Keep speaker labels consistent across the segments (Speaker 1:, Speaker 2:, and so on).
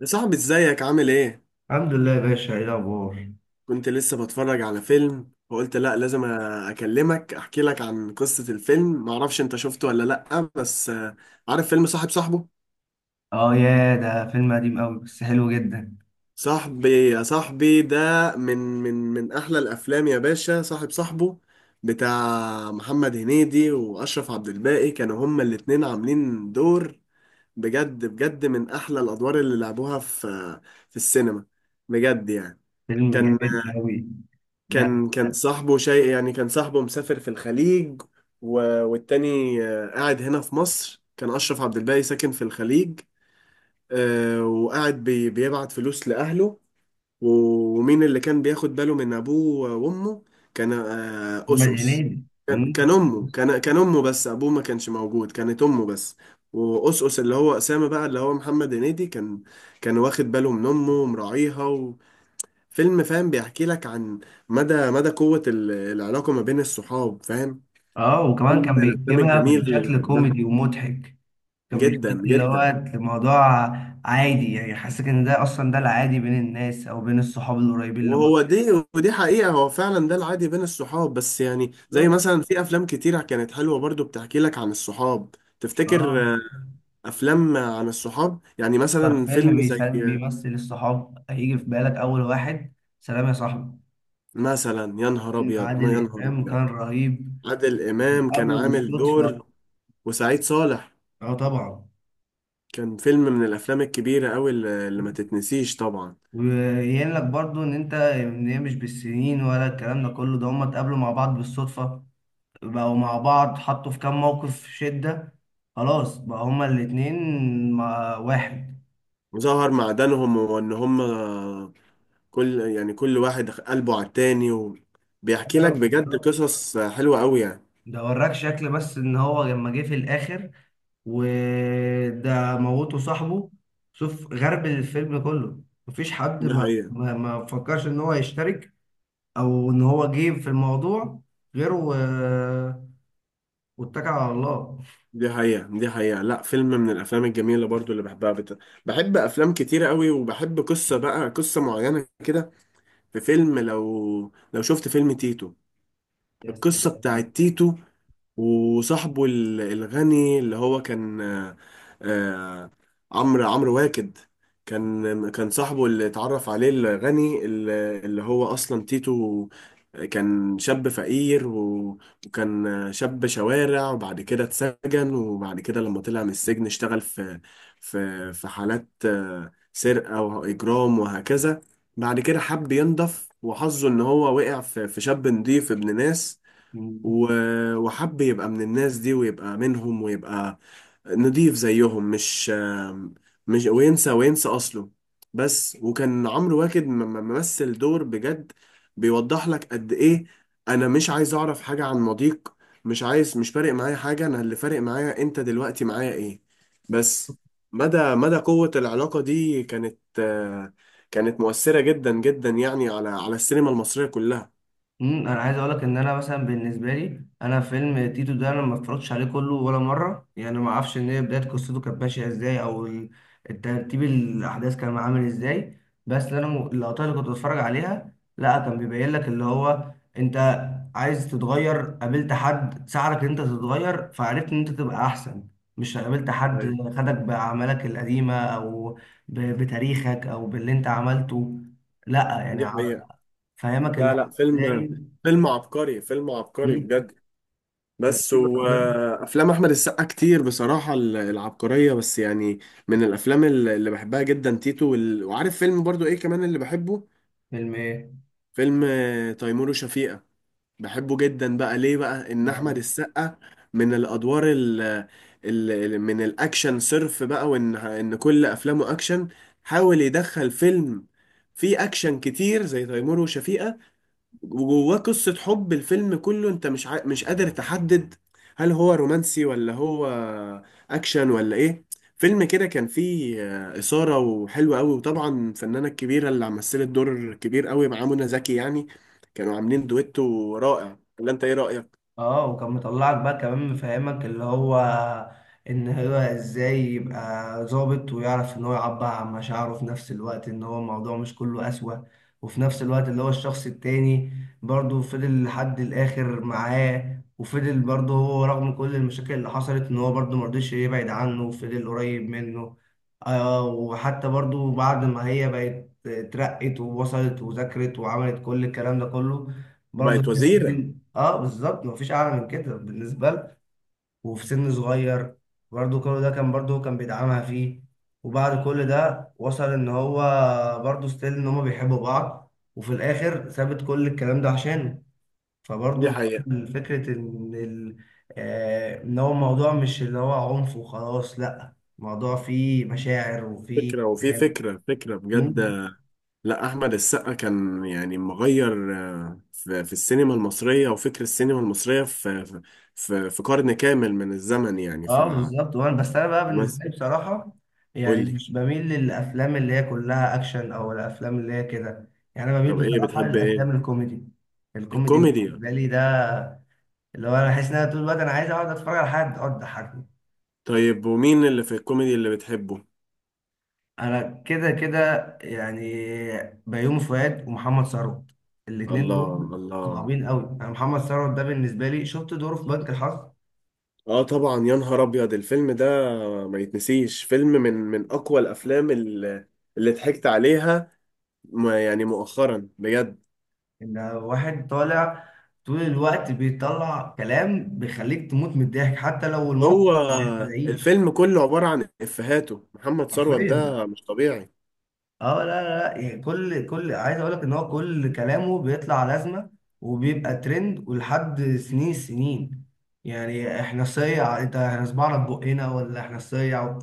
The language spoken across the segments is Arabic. Speaker 1: يا صاحبي ازيك عامل ايه؟
Speaker 2: الحمد لله يا باشا، ايه الاخبار؟
Speaker 1: كنت لسه بتفرج على فيلم وقلت لا لازم اكلمك، احكي لك عن قصة الفيلم، معرفش انت شفته ولا لا، بس عارف فيلم صاحب صاحبه؟
Speaker 2: اه، يا ده فيلم قديم قوي بس حلو جدا.
Speaker 1: صاحبي يا صاحبي ده من احلى الافلام يا باشا. صاحب صاحبه بتاع محمد هنيدي واشرف عبد الباقي، كانوا هما الاتنين عاملين دور. بجد بجد من احلى الادوار اللي لعبوها في السينما، بجد يعني.
Speaker 2: فيلم
Speaker 1: كان
Speaker 2: جامد قوي ده.
Speaker 1: كان صاحبه شيء يعني، كان صاحبه مسافر في الخليج و... والتاني قاعد هنا في مصر. كان أشرف عبد الباقي ساكن في الخليج، وقاعد بيبعت فلوس لأهله. ومين اللي كان بياخد باله من أبوه وأمه؟ كان آه،
Speaker 2: محمد
Speaker 1: أس أس،
Speaker 2: هنيدي.
Speaker 1: كان كان
Speaker 2: مم.
Speaker 1: أمه كان كان أمه بس، أبوه ما كانش موجود، كانت أمه بس. وأس اللي هو أسامة بقى، اللي هو محمد هنيدي، كان واخد باله من أمه ومراعيها. فيلم، فاهم، بيحكي لك عن مدى مدى قوة العلاقة ما بين الصحاب، فاهم.
Speaker 2: اه، وكمان
Speaker 1: فيلم من
Speaker 2: كان
Speaker 1: الأفلام
Speaker 2: بيجيبها
Speaker 1: الجميل اللي
Speaker 2: بشكل
Speaker 1: بحبها
Speaker 2: كوميدي ومضحك. كان بيخليك
Speaker 1: جدا
Speaker 2: اللي هو
Speaker 1: جدا.
Speaker 2: الموضوع عادي، يعني حاسك ان ده اصلا ده العادي بين الناس او بين الصحاب القريبين لبعض.
Speaker 1: وهو دي، ودي حقيقة، هو فعلا ده العادي بين الصحاب، بس يعني زي
Speaker 2: بالظبط.
Speaker 1: مثلا في أفلام كتيرة كانت حلوة برضو بتحكي لك عن الصحاب.
Speaker 2: اه،
Speaker 1: تفتكر، أفلام عن الصحاب يعني
Speaker 2: اكتر
Speaker 1: مثلا،
Speaker 2: فيلم
Speaker 1: فيلم زي
Speaker 2: بيسلم بيمثل الصحاب هيجي في بالك اول واحد سلام يا صاحبي.
Speaker 1: مثلا يا نهار
Speaker 2: فيلم
Speaker 1: أبيض ما يا
Speaker 2: عادل
Speaker 1: نهار
Speaker 2: امام
Speaker 1: أبيض.
Speaker 2: كان رهيب،
Speaker 1: عادل إمام كان
Speaker 2: وقابله
Speaker 1: عامل
Speaker 2: بالصدفه.
Speaker 1: دور، وسعيد صالح.
Speaker 2: اه طبعا.
Speaker 1: كان فيلم من الأفلام الكبيرة أوي اللي ما تتنسيش طبعا.
Speaker 2: ويقول لك برضو ان انت ان هي مش بالسنين ولا الكلام ده كله، ده هما اتقابلوا مع بعض بالصدفة، بقوا مع بعض، حطوا في كام موقف شدة، خلاص بقى هما الاتنين مع واحد.
Speaker 1: ظهر معدنهم وان هم، كل يعني كل واحد قلبه على التاني، وبيحكي لك
Speaker 2: ايوه
Speaker 1: بجد
Speaker 2: بالظبط.
Speaker 1: قصص حلوة قوي يعني.
Speaker 2: ده وراك شكل بس ان هو لما جه في الاخر وده موته صاحبه، شوف غرب الفيلم كله. مفيش حد
Speaker 1: دي
Speaker 2: ما
Speaker 1: حقيقة.
Speaker 2: ما ما فكرش ان هو يشترك او ان هو جه في الموضوع غيره واتكل على الله.
Speaker 1: دي حقيقة. دي حقيقة. لا، فيلم من الافلام الجميلة برضو اللي بحبها. بحب افلام كتيرة قوي، وبحب قصة، بقى قصة معينة كده. في فيلم، لو شفت فيلم تيتو،
Speaker 2: يا
Speaker 1: القصة بتاعت
Speaker 2: سلام.
Speaker 1: تيتو وصاحبه الغني اللي هو كان آه، عمرو واكد. كان صاحبه اللي اتعرف عليه، الغني اللي اللي هو اصلا تيتو. كان شاب فقير وكان شاب شوارع، وبعد كده اتسجن، وبعد كده لما طلع من السجن اشتغل في في حالات سرقة وإجرام وهكذا. بعد كده حب ينضف، وحظه إن هو وقع في شاب نضيف ابن ناس.
Speaker 2: مم.
Speaker 1: وحب يبقى من الناس دي ويبقى منهم، ويبقى نضيف زيهم، مش وينسى أصله. بس، وكان عمرو واكد ممثل دور بجد، بيوضح لك قد إيه: أنا مش عايز أعرف حاجة عن ماضيك، مش عايز، مش فارق معايا حاجة، أنا اللي فارق معايا أنت دلوقتي معايا إيه بس. مدى مدى قوة العلاقة دي، كانت مؤثرة جدا جدا يعني، على السينما المصرية كلها.
Speaker 2: انا عايز اقولك ان انا مثلا بالنسبه لي انا فيلم تيتو ده انا ما اتفرجتش عليه كله ولا مره، يعني ما اعرفش ان هي بدايه قصته كانت ماشيه ازاي او الترتيب الاحداث كان عامل ازاي. بس اللي اللقطات اللي كنت بتفرج عليها لا كان بيبين لك اللي هو انت عايز تتغير، قابلت حد ساعدك ان انت تتغير فعرفت ان انت تبقى احسن، مش قابلت حد
Speaker 1: ايوه،
Speaker 2: خدك باعمالك القديمه او بتاريخك او باللي انت عملته. لا يعني
Speaker 1: دي حقيقة.
Speaker 2: فاهمك اللي
Speaker 1: لا
Speaker 2: هو
Speaker 1: لا، فيلم
Speaker 2: ازاي.
Speaker 1: فيلم عبقري، فيلم عبقري
Speaker 2: مم.
Speaker 1: بجد. بس
Speaker 2: ترتيب ربنا.
Speaker 1: وافلام احمد السقا كتير بصراحه العبقريه، بس يعني من الافلام اللي بحبها جدا تيتو، وعارف فيلم برضو ايه كمان اللي بحبه؟
Speaker 2: فيلم ايه؟
Speaker 1: فيلم تيمور وشفيقة. بحبه جدا بقى ليه؟ بقى ان احمد
Speaker 2: آه.
Speaker 1: السقا من الادوار، من الاكشن صرف بقى، وان كل افلامه اكشن، حاول يدخل فيلم فيه اكشن كتير زي تيمور وشفيقة، وجواه قصة حب. الفيلم كله انت مش مش قادر تحدد هل هو رومانسي ولا هو اكشن ولا ايه. فيلم كده كان فيه إثارة وحلو قوي. وطبعا الفنانة الكبيرة اللي مثلت دور كبير قوي مع منى زكي، يعني كانوا عاملين دويتو رائع، ولا انت ايه رأيك؟
Speaker 2: اه، وكان مطلعك بقى كمان مفهمك اللي هو ان هو ازاي يبقى ظابط ويعرف ان هو يعبر عن مشاعره في نفس الوقت ان هو الموضوع مش كله قسوة. وفي نفس الوقت اللي هو الشخص التاني برضه فضل لحد الاخر معاه، وفضل برضه هو رغم كل المشاكل اللي حصلت ان هو برضه مرضيش يبعد عنه وفضل قريب منه. آه، وحتى برضه بعد ما هي بقت اترقت ووصلت وذاكرت وعملت كل الكلام ده كله، برضه
Speaker 1: وبقت
Speaker 2: الناس
Speaker 1: وزيرة.
Speaker 2: تاني. اه بالظبط، مفيش اعلى من كده بالنسبه له. وفي سن صغير برضه كل ده كان برضه كان بيدعمها فيه. وبعد كل ده وصل ان هو برضه ستيل ان هما بيحبوا بعض وفي الاخر سابت كل الكلام ده عشانه.
Speaker 1: دي
Speaker 2: فبرضه
Speaker 1: حقيقة.
Speaker 2: دخل فكره ان ان هو الموضوع مش اللي هو عنف وخلاص، لا الموضوع فيه مشاعر وفيه
Speaker 1: فكرة، وفي فكرة، فكرة
Speaker 2: كلام.
Speaker 1: بجد. لا، احمد السقا كان يعني مغير في السينما المصريه وفكر السينما المصريه في في قرن كامل من الزمن يعني.
Speaker 2: اه بالظبط، وانا بس انا بقى
Speaker 1: مثلا،
Speaker 2: بالنسبه لي بصراحه، يعني
Speaker 1: قول لي،
Speaker 2: مش بميل للافلام اللي هي كلها اكشن او الافلام اللي هي كده. يعني انا بميل
Speaker 1: طب ايه
Speaker 2: بصراحه
Speaker 1: بتحب، ايه
Speaker 2: للافلام الكوميدي. الكوميدي
Speaker 1: الكوميديا؟
Speaker 2: بالنسبه لي ده اللي هو انا بحس ان انا طول الوقت انا عايز اقعد اتفرج على حد اقعد اضحكني.
Speaker 1: طيب ومين اللي في الكوميدي اللي بتحبه؟
Speaker 2: انا كده كده يعني بيومي فؤاد ومحمد ثروت. الاتنين دول
Speaker 1: الله الله.
Speaker 2: صعبين قوي. انا محمد ثروت ده بالنسبه لي شفت دوره في بنك الحظ.
Speaker 1: اه طبعا، يا نهار ابيض الفيلم ده، ما يتنسيش. فيلم من اقوى الافلام اللي ضحكت عليها يعني مؤخرا بجد.
Speaker 2: ان واحد طالع طول الوقت بيطلع كلام بيخليك تموت من الضحك حتى لو الموقف
Speaker 1: هو
Speaker 2: ما يستدعيش.
Speaker 1: الفيلم كله عبارة عن إفيهاته. محمد ثروت
Speaker 2: حرفيا.
Speaker 1: ده مش طبيعي.
Speaker 2: اه، لا، لا، لا، يعني كل عايز اقول لك ان هو كل كلامه بيطلع لازمه وبيبقى ترند ولحد سنين سنين، يعني احنا صيع انت، احنا صبعنا في بقنا ولا احنا صيع.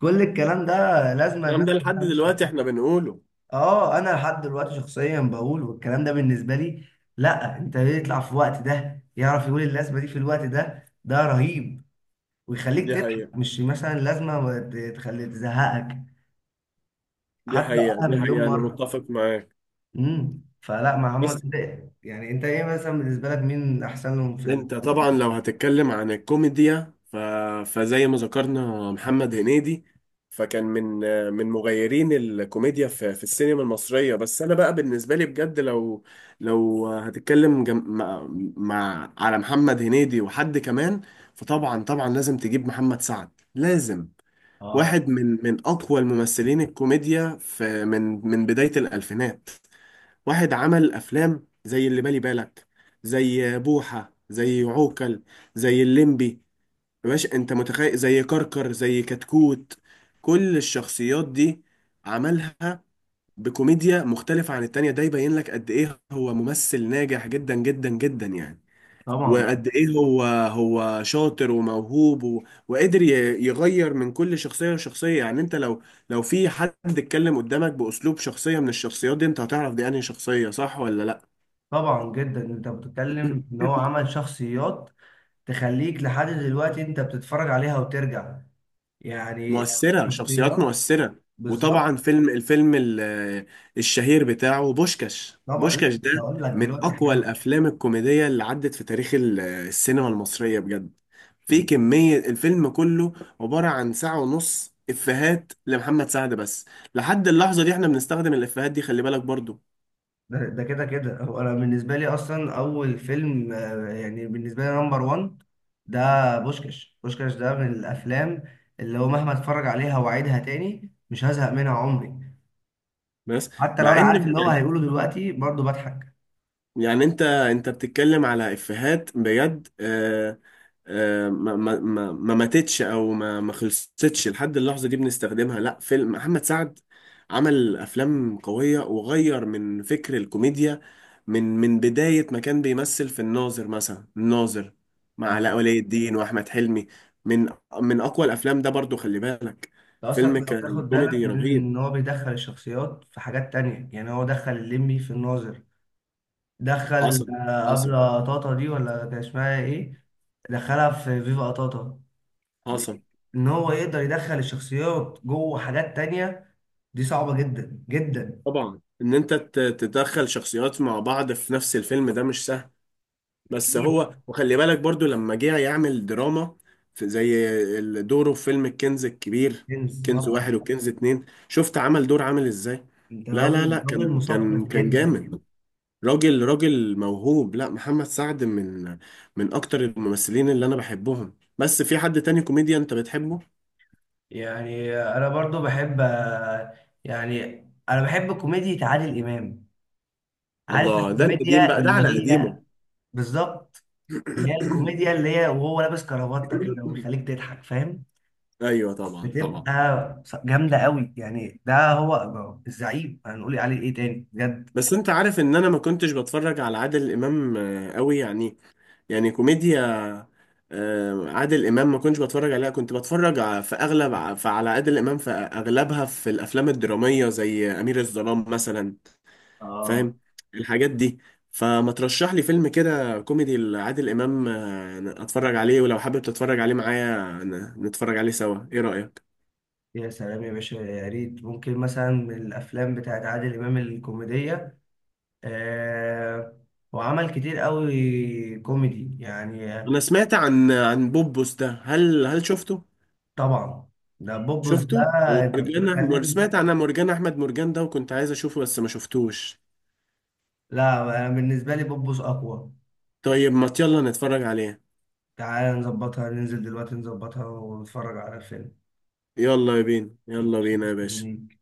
Speaker 2: كل الكلام ده لازمه
Speaker 1: الكلام
Speaker 2: الناس
Speaker 1: ده لحد
Speaker 2: كلها ماشيه.
Speaker 1: دلوقتي احنا بنقوله.
Speaker 2: اه انا لحد دلوقتي شخصيا بقول، والكلام ده بالنسبه لي لا، انت يطلع في الوقت ده يعرف يقول اللازمه دي في الوقت ده ده رهيب. ويخليك
Speaker 1: دي
Speaker 2: تضحك،
Speaker 1: حقيقة.
Speaker 2: مش مثلا لازمه ما تخلي تزهقك.
Speaker 1: دي
Speaker 2: حتى لو
Speaker 1: حقيقة.
Speaker 2: قالها
Speaker 1: دي
Speaker 2: مليون
Speaker 1: حقيقة، أنا
Speaker 2: مره.
Speaker 1: متفق معاك.
Speaker 2: فلا محمد
Speaker 1: بس
Speaker 2: ده، يعني انت ايه مثلا بالنسبه لك مين احسن لهم في
Speaker 1: انت طبعا لو هتتكلم عن الكوميديا، فزي ما ذكرنا محمد هنيدي، فكان من مغيرين الكوميديا في السينما المصرية. بس انا بقى بالنسبة لي بجد، لو هتتكلم مع على محمد هنيدي وحد كمان، فطبعا طبعا لازم تجيب محمد سعد، لازم.
Speaker 2: اه
Speaker 1: واحد من اقوى الممثلين الكوميديا، في من بداية الألفينات. واحد عمل افلام زي اللي بالي بالك، زي بوحة، زي عوكل، زي الليمبي. يا باشا انت متخيل؟ زي كركر، زي كتكوت. كل الشخصيات دي عملها بكوميديا مختلفة عن التانية. ده يبين لك قد ايه هو ممثل ناجح جدا جدا جدا يعني،
Speaker 2: طبعا.
Speaker 1: وقد ايه هو هو شاطر وموهوب، وقدر يغير من كل شخصية لشخصية. يعني انت، لو في حد اتكلم قدامك بأسلوب شخصية من الشخصيات دي، انت هتعرف دي انهي شخصية، صح ولا لا.
Speaker 2: طبعا جدا، انت بتتكلم ان هو عمل شخصيات تخليك لحد دلوقتي انت بتتفرج عليها وترجع يعني.
Speaker 1: مؤثرة، شخصيات
Speaker 2: شخصيات،
Speaker 1: مؤثرة.
Speaker 2: بالظبط.
Speaker 1: وطبعا الفيلم الشهير بتاعه بوشكاش،
Speaker 2: طبعا لسه،
Speaker 1: بوشكاش ده
Speaker 2: هقول لك
Speaker 1: من
Speaker 2: دلوقتي
Speaker 1: أقوى
Speaker 2: حالا.
Speaker 1: الأفلام الكوميدية اللي عدت في تاريخ السينما المصرية بجد. في كمية، الفيلم كله عبارة عن ساعة ونص إفيهات لمحمد سعد بس. لحد اللحظة دي احنا بنستخدم الإفيهات دي، خلي بالك برضو.
Speaker 2: ده كده كده هو انا بالنسبه لي اصلا اول فيلم يعني بالنسبه لي نمبر 1 ده. بوشكاش بوشكاش ده من الافلام اللي هو مهما اتفرج عليها واعيدها تاني مش هزهق منها عمري.
Speaker 1: بس
Speaker 2: حتى لو
Speaker 1: مع
Speaker 2: انا عارف
Speaker 1: إن،
Speaker 2: اللي هو هيقوله دلوقتي برضه بضحك.
Speaker 1: يعني انت بتتكلم على افيهات بجد. ما ماتتش، او ما خلصتش لحد اللحظه دي بنستخدمها. لا، فيلم محمد سعد عمل افلام قويه وغير من فكر الكوميديا. من بدايه ما كان بيمثل في الناظر، مثلا الناظر مع علاء
Speaker 2: اه،
Speaker 1: ولي الدين واحمد حلمي. من من اقوى الافلام ده، برضو خلي بالك.
Speaker 2: ده اصلا
Speaker 1: فيلم
Speaker 2: لو
Speaker 1: كان
Speaker 2: تاخد بالك
Speaker 1: كوميدي
Speaker 2: من
Speaker 1: رهيب.
Speaker 2: ان هو بيدخل الشخصيات في حاجات تانية، يعني هو دخل الليمبي في الناظر، دخل
Speaker 1: حصل، حصل،
Speaker 2: ابله طاطا دي ولا كان اسمها ايه، دخلها في فيفا قطاطا. ب-
Speaker 1: حصل.
Speaker 2: ان هو يقدر يدخل الشخصيات جوه حاجات تانية دي صعبة جدا جدا.
Speaker 1: طبعا، ان انت تدخل شخصيات مع بعض في نفس الفيلم، ده مش سهل بس.
Speaker 2: اكيد.
Speaker 1: هو، وخلي بالك برضو لما جه يعمل دراما، في زي دوره في فيلم الكنز الكبير،
Speaker 2: جنس
Speaker 1: كنز
Speaker 2: طبعا.
Speaker 1: واحد وكنز اتنين. شفت عمل دور عامل ازاي؟
Speaker 2: انت
Speaker 1: لا لا لا،
Speaker 2: راجل راجل
Speaker 1: كان
Speaker 2: مثقف
Speaker 1: كان كان
Speaker 2: جدا.
Speaker 1: جامد. راجل راجل موهوب. لا، محمد سعد من اكتر الممثلين اللي انا بحبهم. بس في حد تاني كوميديا انت بتحبه؟
Speaker 2: يعني انا برضو بحب، يعني انا بحب كوميديا عادل امام. عارف
Speaker 1: الله، ده القديم
Speaker 2: الكوميديا
Speaker 1: بقى، ده
Speaker 2: اللي
Speaker 1: على
Speaker 2: هي،
Speaker 1: قديمه.
Speaker 2: بالظبط، اللي هي الكوميديا اللي هي وهو لابس كرافتة كده ويخليك تضحك، فاهم.
Speaker 1: ايوه طبعا طبعا.
Speaker 2: بتبقى جامدة قوي يعني. ده هو الزعيم، هنقول عليه ايه تاني بجد؟
Speaker 1: بس انت عارف ان انا ما كنتش بتفرج على عادل امام قوي يعني. يعني كوميديا عادل امام ما كنتش بتفرج عليها. كنت بتفرج في اغلب على عادل امام في اغلبها في الافلام الدراميه زي امير الظلام مثلا.
Speaker 2: آه
Speaker 1: فاهم، الحاجات دي. فما ترشح لي فيلم كده كوميدي لعادل امام اتفرج عليه، ولو حابب تتفرج عليه معايا نتفرج عليه سوا، ايه رايك؟
Speaker 2: يا سلام يا باشا، يا ريت ممكن مثلا من الافلام بتاعت عادل امام الكوميديه. آه، هو عمل كتير قوي كوميدي يعني
Speaker 1: انا سمعت عن بوبوس ده، هل شفته؟
Speaker 2: طبعا. ده بوبوس ده.
Speaker 1: شفته.
Speaker 2: انت
Speaker 1: ومرجان
Speaker 2: بتتكلم؟
Speaker 1: سمعت عن مرجان احمد مرجان ده، وكنت عايز اشوفه بس ما شفتوش.
Speaker 2: لا، انا بالنسبه لي بوبوس اقوى.
Speaker 1: طيب ما يلا نتفرج عليه.
Speaker 2: تعالى نظبطها، ننزل دلوقتي نظبطها ونتفرج على الفيلم.
Speaker 1: يلا بينا يلا
Speaker 2: ماشي.
Speaker 1: بينا يا باشا.
Speaker 2: مستنيك.